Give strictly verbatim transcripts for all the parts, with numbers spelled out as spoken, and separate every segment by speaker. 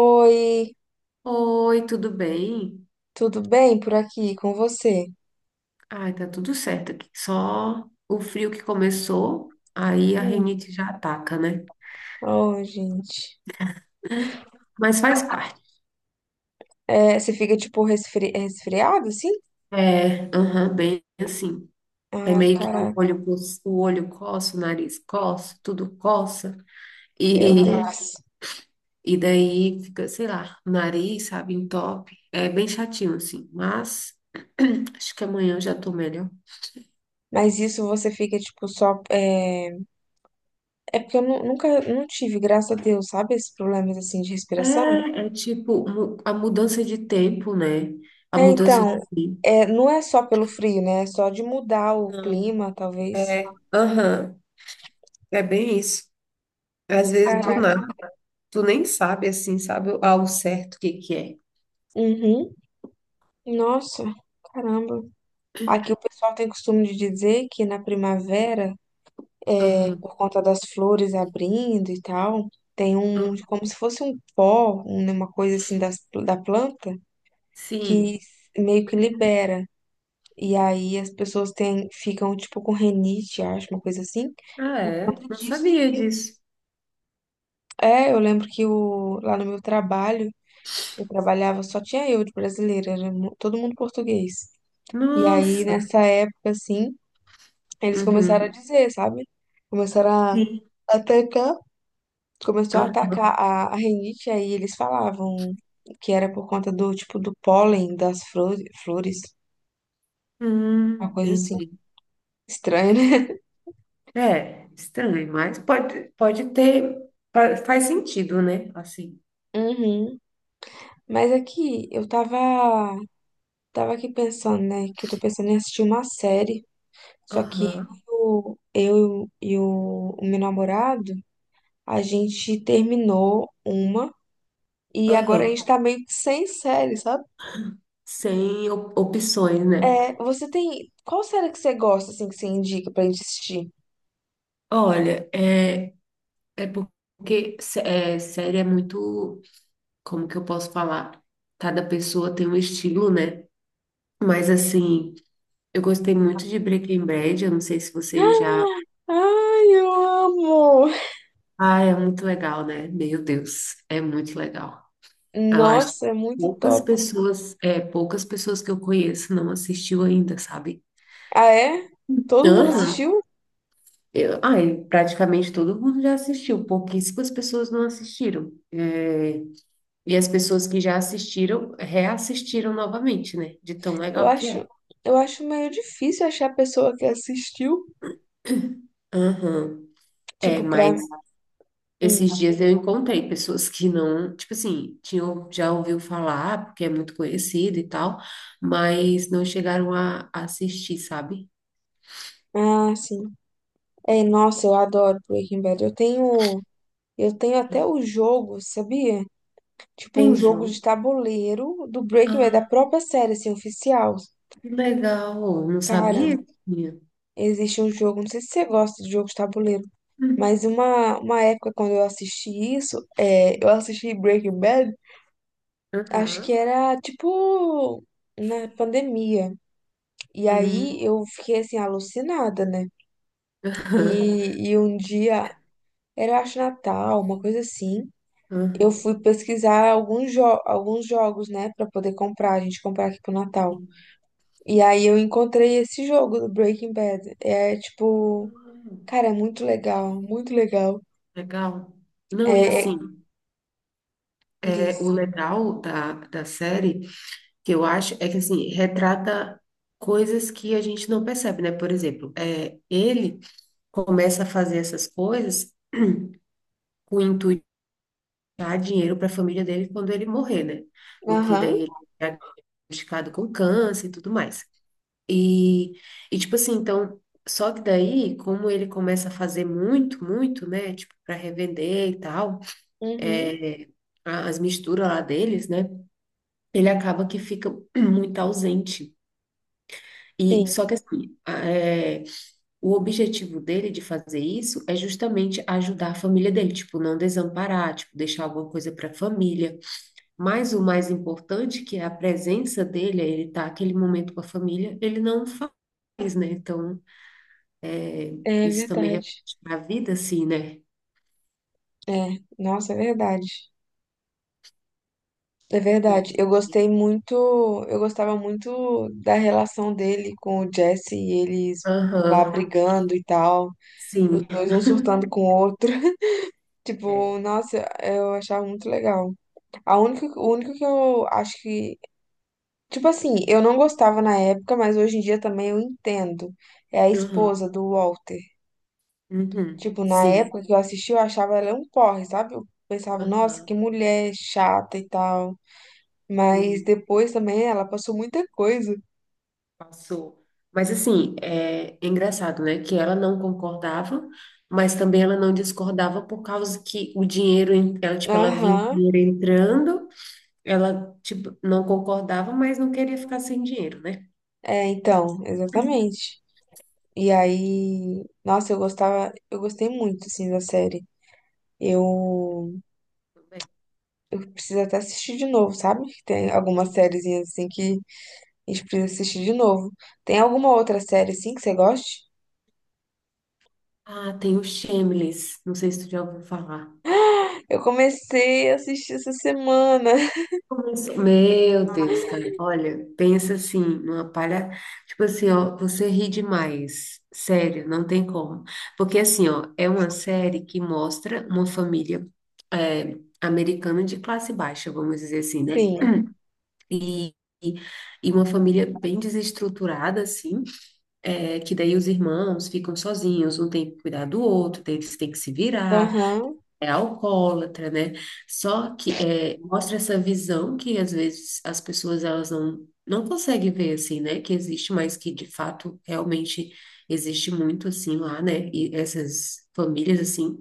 Speaker 1: Oi,
Speaker 2: Oi, tudo bem?
Speaker 1: tudo bem por aqui com você?
Speaker 2: Ai, tá tudo certo aqui. Só o frio que começou, aí a
Speaker 1: Hum.
Speaker 2: rinite já ataca, né?
Speaker 1: Oh, gente.
Speaker 2: Mas faz parte.
Speaker 1: É, você fica tipo resfri... resfriado, assim?
Speaker 2: É, aham, bem assim. É
Speaker 1: Ai,
Speaker 2: meio que o
Speaker 1: caraca,
Speaker 2: olho, pos- o olho coça, o nariz coça, tudo coça.
Speaker 1: meu
Speaker 2: E,
Speaker 1: Deus.
Speaker 2: e daí fica, sei lá, o nariz, sabe, entope. É bem chatinho, assim. Mas acho que amanhã eu já tô melhor.
Speaker 1: Mas isso você fica tipo só. É, é porque eu nu- nunca não tive, graças a Deus, sabe? Esses problemas assim de
Speaker 2: É,
Speaker 1: respiração.
Speaker 2: é tipo mu- a mudança de tempo, né? A
Speaker 1: É,
Speaker 2: mudança de
Speaker 1: então,
Speaker 2: tempo.
Speaker 1: é, não é só pelo frio, né? É só de mudar o clima, talvez.
Speaker 2: É, aham, é bem isso. Às vezes do nada,
Speaker 1: Caraca.
Speaker 2: tu nem sabe assim, sabe ao certo o que que é.
Speaker 1: Uhum. Nossa, caramba. Aqui o pessoal tem costume de dizer que na primavera,
Speaker 2: Aham,
Speaker 1: por conta das flores abrindo e tal, tem um,
Speaker 2: hum,
Speaker 1: como se fosse um pó, um- né, uma coisa assim das, da planta, que
Speaker 2: sim.
Speaker 1: meio que libera. E aí as pessoas têm, ficam tipo com renite, acho, uma coisa assim,
Speaker 2: Ah,
Speaker 1: por
Speaker 2: é?
Speaker 1: conta
Speaker 2: Não
Speaker 1: disso,
Speaker 2: sabia
Speaker 1: viu?
Speaker 2: disso.
Speaker 1: É, eu lembro que o, lá no meu trabalho, eu trabalhava, só tinha eu de brasileira, era mu- todo mundo português. E aí
Speaker 2: Nossa.
Speaker 1: nessa época, assim, eles começaram a
Speaker 2: Uhum.
Speaker 1: dizer, sabe? Começaram
Speaker 2: Sim.
Speaker 1: a atacar, começou a
Speaker 2: Aham.
Speaker 1: atacar a, a rinite, aí eles falavam que era por conta do tipo do pólen das flores, flores,
Speaker 2: Hum,
Speaker 1: uma coisa assim.
Speaker 2: entendi.
Speaker 1: Estranho, né?
Speaker 2: É, estranho, mas pode, pode ter, fa- faz sentido, né? Assim.
Speaker 1: Uhum. Mas aqui eu tava, tava aqui pensando, né? Que eu tô pensando em assistir uma série. Só que
Speaker 2: Aham,
Speaker 1: eu, eu e o, o meu namorado, a gente terminou uma e agora a
Speaker 2: aham.
Speaker 1: gente tá meio que sem série, sabe?
Speaker 2: Sem op- opções, né?
Speaker 1: É, você tem. Qual série que você gosta, assim, que você indica pra gente assistir?
Speaker 2: Olha, é, é porque sé- é, série é muito. Como que eu posso falar? Cada pessoa tem um estilo, né? Mas assim, eu gostei muito de Breaking Bad, eu não sei se vocês já.
Speaker 1: Ai, eu amo!
Speaker 2: Ah, é muito legal, né? Meu Deus, é muito legal. Eu acho que
Speaker 1: Nossa, é muito
Speaker 2: poucas
Speaker 1: top.
Speaker 2: pessoas, é, poucas pessoas que eu conheço não assistiu ainda, sabe?
Speaker 1: Ah, é? Todo mundo
Speaker 2: Aham.
Speaker 1: assistiu?
Speaker 2: Eu, ai, praticamente todo mundo já assistiu, pouquíssimas pessoas não assistiram. É, e as pessoas que já assistiram, reassistiram novamente, né? De tão
Speaker 1: Eu
Speaker 2: legal que é.
Speaker 1: acho, eu acho meio difícil achar a pessoa que assistiu.
Speaker 2: Aham. É,
Speaker 1: Tipo, pra.
Speaker 2: mas
Speaker 1: Hum.
Speaker 2: esses dias eu encontrei pessoas que não, tipo assim, tinham, já ouviu falar, porque é muito conhecido e tal, mas não chegaram a, a assistir, sabe?
Speaker 1: Ah, sim. É, nossa, eu adoro Breaking Bad. Eu tenho. Eu tenho até o jogo, sabia? Tipo, um
Speaker 2: Tem,
Speaker 1: jogo de tabuleiro do Breaking Bad, da
Speaker 2: ah,
Speaker 1: própria série, assim, oficial.
Speaker 2: que legal. Não
Speaker 1: Cara,
Speaker 2: sabia que tinha.
Speaker 1: existe um jogo, não sei se você gosta de jogos de tabuleiro.
Speaker 2: Hum.
Speaker 1: Mas uma, uma época quando eu assisti isso, é, eu assisti Breaking Bad, acho que
Speaker 2: Aham.
Speaker 1: era tipo na pandemia. E
Speaker 2: Hum.
Speaker 1: aí eu fiquei assim, alucinada, né?
Speaker 2: Aham.
Speaker 1: E, e um dia, era acho Natal, uma coisa assim. Eu
Speaker 2: Aham.
Speaker 1: fui pesquisar alguns, jo alguns jogos, né, pra poder comprar, a gente comprar aqui pro Natal.
Speaker 2: Hum.
Speaker 1: E aí eu encontrei esse jogo do Breaking Bad. É tipo, cara, é muito legal, muito legal.
Speaker 2: Legal. Não, e
Speaker 1: É, é,
Speaker 2: assim,
Speaker 1: diz.
Speaker 2: é, o legal da, da série, que eu acho, é que assim, retrata coisas que a gente não percebe, né? Por exemplo, é, ele começa a fazer essas coisas com o intuito de dar dinheiro para a família dele quando ele morrer, né? Porque
Speaker 1: Aham.
Speaker 2: daí ele é diagnosticado com câncer e tudo mais. E, e tipo assim, então, só que daí, como ele começa a fazer muito, muito, né? Tipo, para revender e tal,
Speaker 1: Uhum,
Speaker 2: é, a- as misturas lá deles, né? Ele acaba que fica muito ausente. E
Speaker 1: sim,
Speaker 2: só que assim, o objetivo dele de fazer isso é justamente ajudar a família dele, tipo, não desamparar, tipo, deixar alguma coisa para a família. Mas o mais importante, que é a presença dele, é ele tá aquele momento com a família, ele não faz, né? Então,
Speaker 1: é
Speaker 2: isso também reflete
Speaker 1: verdade.
Speaker 2: para a vida, assim, né?
Speaker 1: É, nossa, é verdade. É verdade. Eu gostei muito, eu gostava muito da relação dele com o Jesse e eles lá
Speaker 2: Aham,
Speaker 1: brigando e tal, os
Speaker 2: sim.
Speaker 1: dois um surtando com o outro.
Speaker 2: É.
Speaker 1: Tipo, nossa, eu achava muito legal. A única, o único que eu acho que, tipo assim, eu não gostava na época, mas hoje em dia também eu entendo. É a esposa
Speaker 2: Aham,
Speaker 1: do Walter.
Speaker 2: uhum,
Speaker 1: Tipo, na
Speaker 2: sim.
Speaker 1: época que eu assisti, eu achava ela um porre, sabe? Eu pensava, nossa, que
Speaker 2: Aham,
Speaker 1: mulher chata e tal. Mas
Speaker 2: sim.
Speaker 1: depois também ela passou muita coisa.
Speaker 2: Passou. Mas assim, é, é engraçado, né? Que ela não concordava, mas também ela não discordava por causa que o dinheiro, en- ela, tipo, ela viu o
Speaker 1: Aham.
Speaker 2: dinheiro entrando, ela, tipo, não concordava, mas não queria ficar sem dinheiro, né?
Speaker 1: É, então, exatamente. E aí, nossa, eu gostava, eu gostei muito, assim, da série. Eu
Speaker 2: Tudo bem.
Speaker 1: preciso até assistir de novo, sabe? Tem algumas sériezinhas assim que a gente precisa assistir de novo. Tem alguma outra série assim que você goste?
Speaker 2: Ah, tem o Shameless, não sei se tu já ouviu falar.
Speaker 1: Eu comecei a assistir essa semana.
Speaker 2: Começou. Meu Deus, cara, olha, pensa assim, numa palha, tipo assim, ó, você ri demais, sério, não tem como, porque assim, ó, é uma série que mostra uma família é, americana de classe baixa, vamos dizer assim, né,
Speaker 1: Sim.
Speaker 2: e, e e uma família bem desestruturada, assim, é, que daí os irmãos ficam sozinhos, um tem que cuidar do outro, daí eles têm que se virar,
Speaker 1: Aham.
Speaker 2: é alcoólatra, né? Só que é, mostra essa visão que às vezes as pessoas elas não, não conseguem ver assim, né? Que existe, mas que de fato realmente existe muito assim lá, né? E essas famílias assim.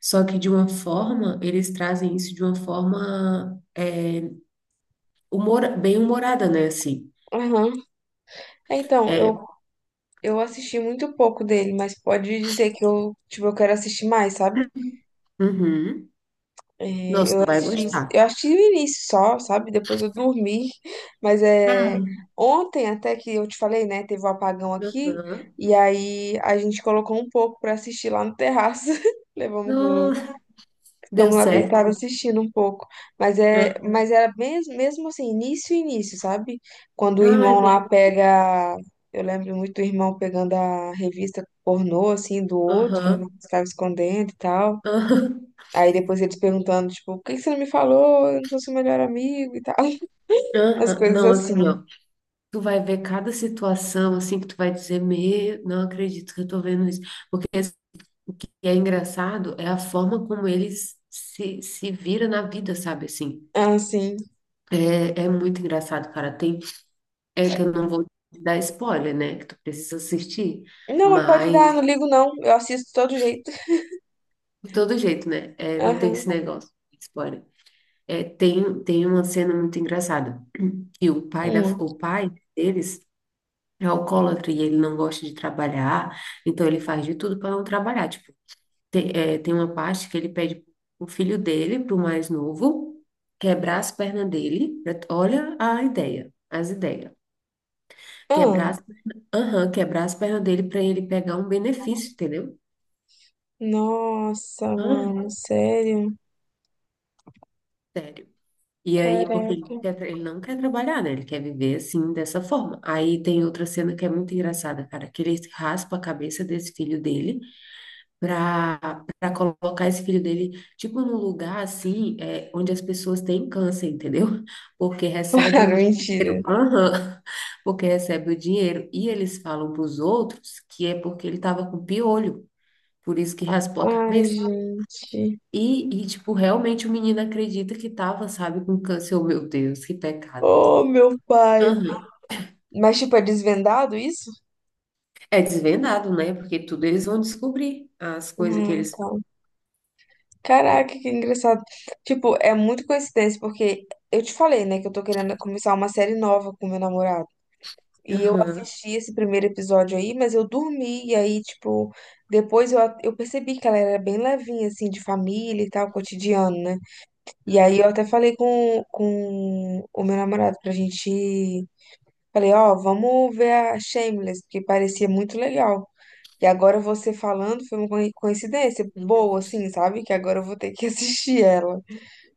Speaker 2: Só que de uma forma, eles trazem isso de uma forma humor, bem humorada, né? Assim.
Speaker 1: Aham. É, então, eu,
Speaker 2: É,
Speaker 1: eu assisti muito pouco dele, mas pode dizer que eu, tipo, eu quero assistir mais, sabe?
Speaker 2: uhum. Nossa,
Speaker 1: Eu
Speaker 2: tu vai
Speaker 1: assisti,
Speaker 2: gostar.
Speaker 1: eu assisti o início só, sabe? Depois eu dormi. Mas é
Speaker 2: Ah,
Speaker 1: ontem até que eu te falei, né? Teve um apagão aqui,
Speaker 2: uhum.
Speaker 1: e aí a gente colocou um pouco pra assistir lá no terraço. Levamos.
Speaker 2: Nossa, deu
Speaker 1: Ficamos lá deitados
Speaker 2: certo.
Speaker 1: assistindo um pouco. Mas é,
Speaker 2: Ah,
Speaker 1: mas era mesmo, mesmo assim, início início, sabe? Quando o
Speaker 2: ah, é
Speaker 1: irmão
Speaker 2: bem-
Speaker 1: lá pega. Eu lembro muito do irmão pegando a revista pornô, assim, do outro,
Speaker 2: aham,
Speaker 1: estava escondendo e tal.
Speaker 2: aham,
Speaker 1: Aí depois eles perguntando, tipo, por que que você não me falou? Eu não sou seu melhor amigo e tal. As
Speaker 2: aham.
Speaker 1: coisas
Speaker 2: Não,
Speaker 1: assim.
Speaker 2: assim, ó. Tu vai ver cada situação assim que tu vai dizer, meu, não acredito que eu tô vendo isso. Porque assim, é engraçado, é a forma como eles se, se vira na vida, sabe assim?
Speaker 1: Assim.
Speaker 2: É, é muito engraçado, cara. Tem, é que eu não vou te dar spoiler, né? Que tu precisa assistir,
Speaker 1: Não, mas pode dar, não
Speaker 2: mas
Speaker 1: ligo não. Eu assisto de todo jeito.
Speaker 2: de todo jeito, né? É, não tem
Speaker 1: Aham.
Speaker 2: esse negócio de spoiler. É, tem, tem uma cena muito engraçada, que o pai da,
Speaker 1: Hum.
Speaker 2: o pai deles é alcoólatra e ele não gosta de trabalhar. Então ele faz de tudo para não trabalhar, tipo, tem, é, tem uma parte que ele pede o filho dele, para o mais novo, quebrar as pernas dele. pra- Olha a ideia, as ideias. Quebrar
Speaker 1: Ah.
Speaker 2: as, aham, quebrar as pernas dele para ele pegar um benefício, entendeu?
Speaker 1: Nossa,
Speaker 2: Aham,
Speaker 1: mano, sério?
Speaker 2: sério. E aí, porque ele
Speaker 1: Caraca.
Speaker 2: não quer, tra- ele não quer trabalhar, né? Ele quer viver assim, dessa forma. Aí tem outra cena que é muito engraçada, cara, que ele raspa a cabeça desse filho dele. Para para colocar esse filho dele, tipo, num lugar assim, é, onde as pessoas têm câncer, entendeu? Porque recebe um
Speaker 1: Cara,
Speaker 2: dinheiro,
Speaker 1: mentira.
Speaker 2: aham, porque recebe o dinheiro e eles falam para os outros que é porque ele estava com piolho, por isso que raspou a
Speaker 1: Ai,
Speaker 2: cabeça.
Speaker 1: gente.
Speaker 2: E, e, tipo, realmente o menino acredita que tava, sabe, com câncer. Oh, meu Deus, que pecado.
Speaker 1: Oh, meu pai.
Speaker 2: Aham.
Speaker 1: Mas, tipo, é desvendado isso?
Speaker 2: É desvendado, né? Porque tudo eles vão descobrir as coisas que
Speaker 1: Ah,
Speaker 2: eles fazem.
Speaker 1: tá. Caraca, que engraçado. Tipo, é muito coincidência, porque eu te falei, né, que eu tô querendo começar uma série nova com meu namorado. E eu
Speaker 2: Aham.
Speaker 1: assisti esse primeiro episódio aí, mas eu dormi, e aí, tipo, depois eu, a- eu percebi que ela era bem levinha, assim, de família e tal, cotidiano, né? E aí
Speaker 2: Aham.
Speaker 1: eu até falei com, com o meu namorado pra gente. Falei, ó, vamos ver a Shameless, porque parecia muito legal. E agora você falando foi uma coi- coincidência
Speaker 2: Tem que
Speaker 1: boa, assim,
Speaker 2: assistir.
Speaker 1: sabe? Que agora eu vou ter que assistir ela.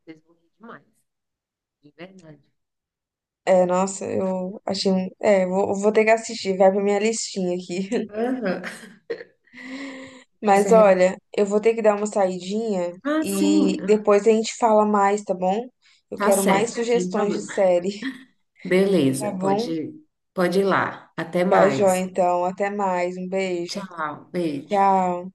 Speaker 2: Vocês vão rir demais, de verdade.
Speaker 1: É, nossa, eu achei. um- É, vou, vou ter que assistir, vai pra minha listinha aqui.
Speaker 2: Aham. Vai se
Speaker 1: Mas
Speaker 2: arrep...
Speaker 1: olha, eu vou ter que dar uma saidinha
Speaker 2: Ah, sim.
Speaker 1: e
Speaker 2: Ah,
Speaker 1: depois a gente fala mais, tá bom? Eu
Speaker 2: tá
Speaker 1: quero mais
Speaker 2: certo, sem
Speaker 1: sugestões de
Speaker 2: problema.
Speaker 1: série, tá
Speaker 2: Beleza,
Speaker 1: bom?
Speaker 2: pode, pode ir lá. Até
Speaker 1: Tá, joia,
Speaker 2: mais.
Speaker 1: então. Até mais. Um beijo.
Speaker 2: Tchau, beijo.
Speaker 1: Tchau.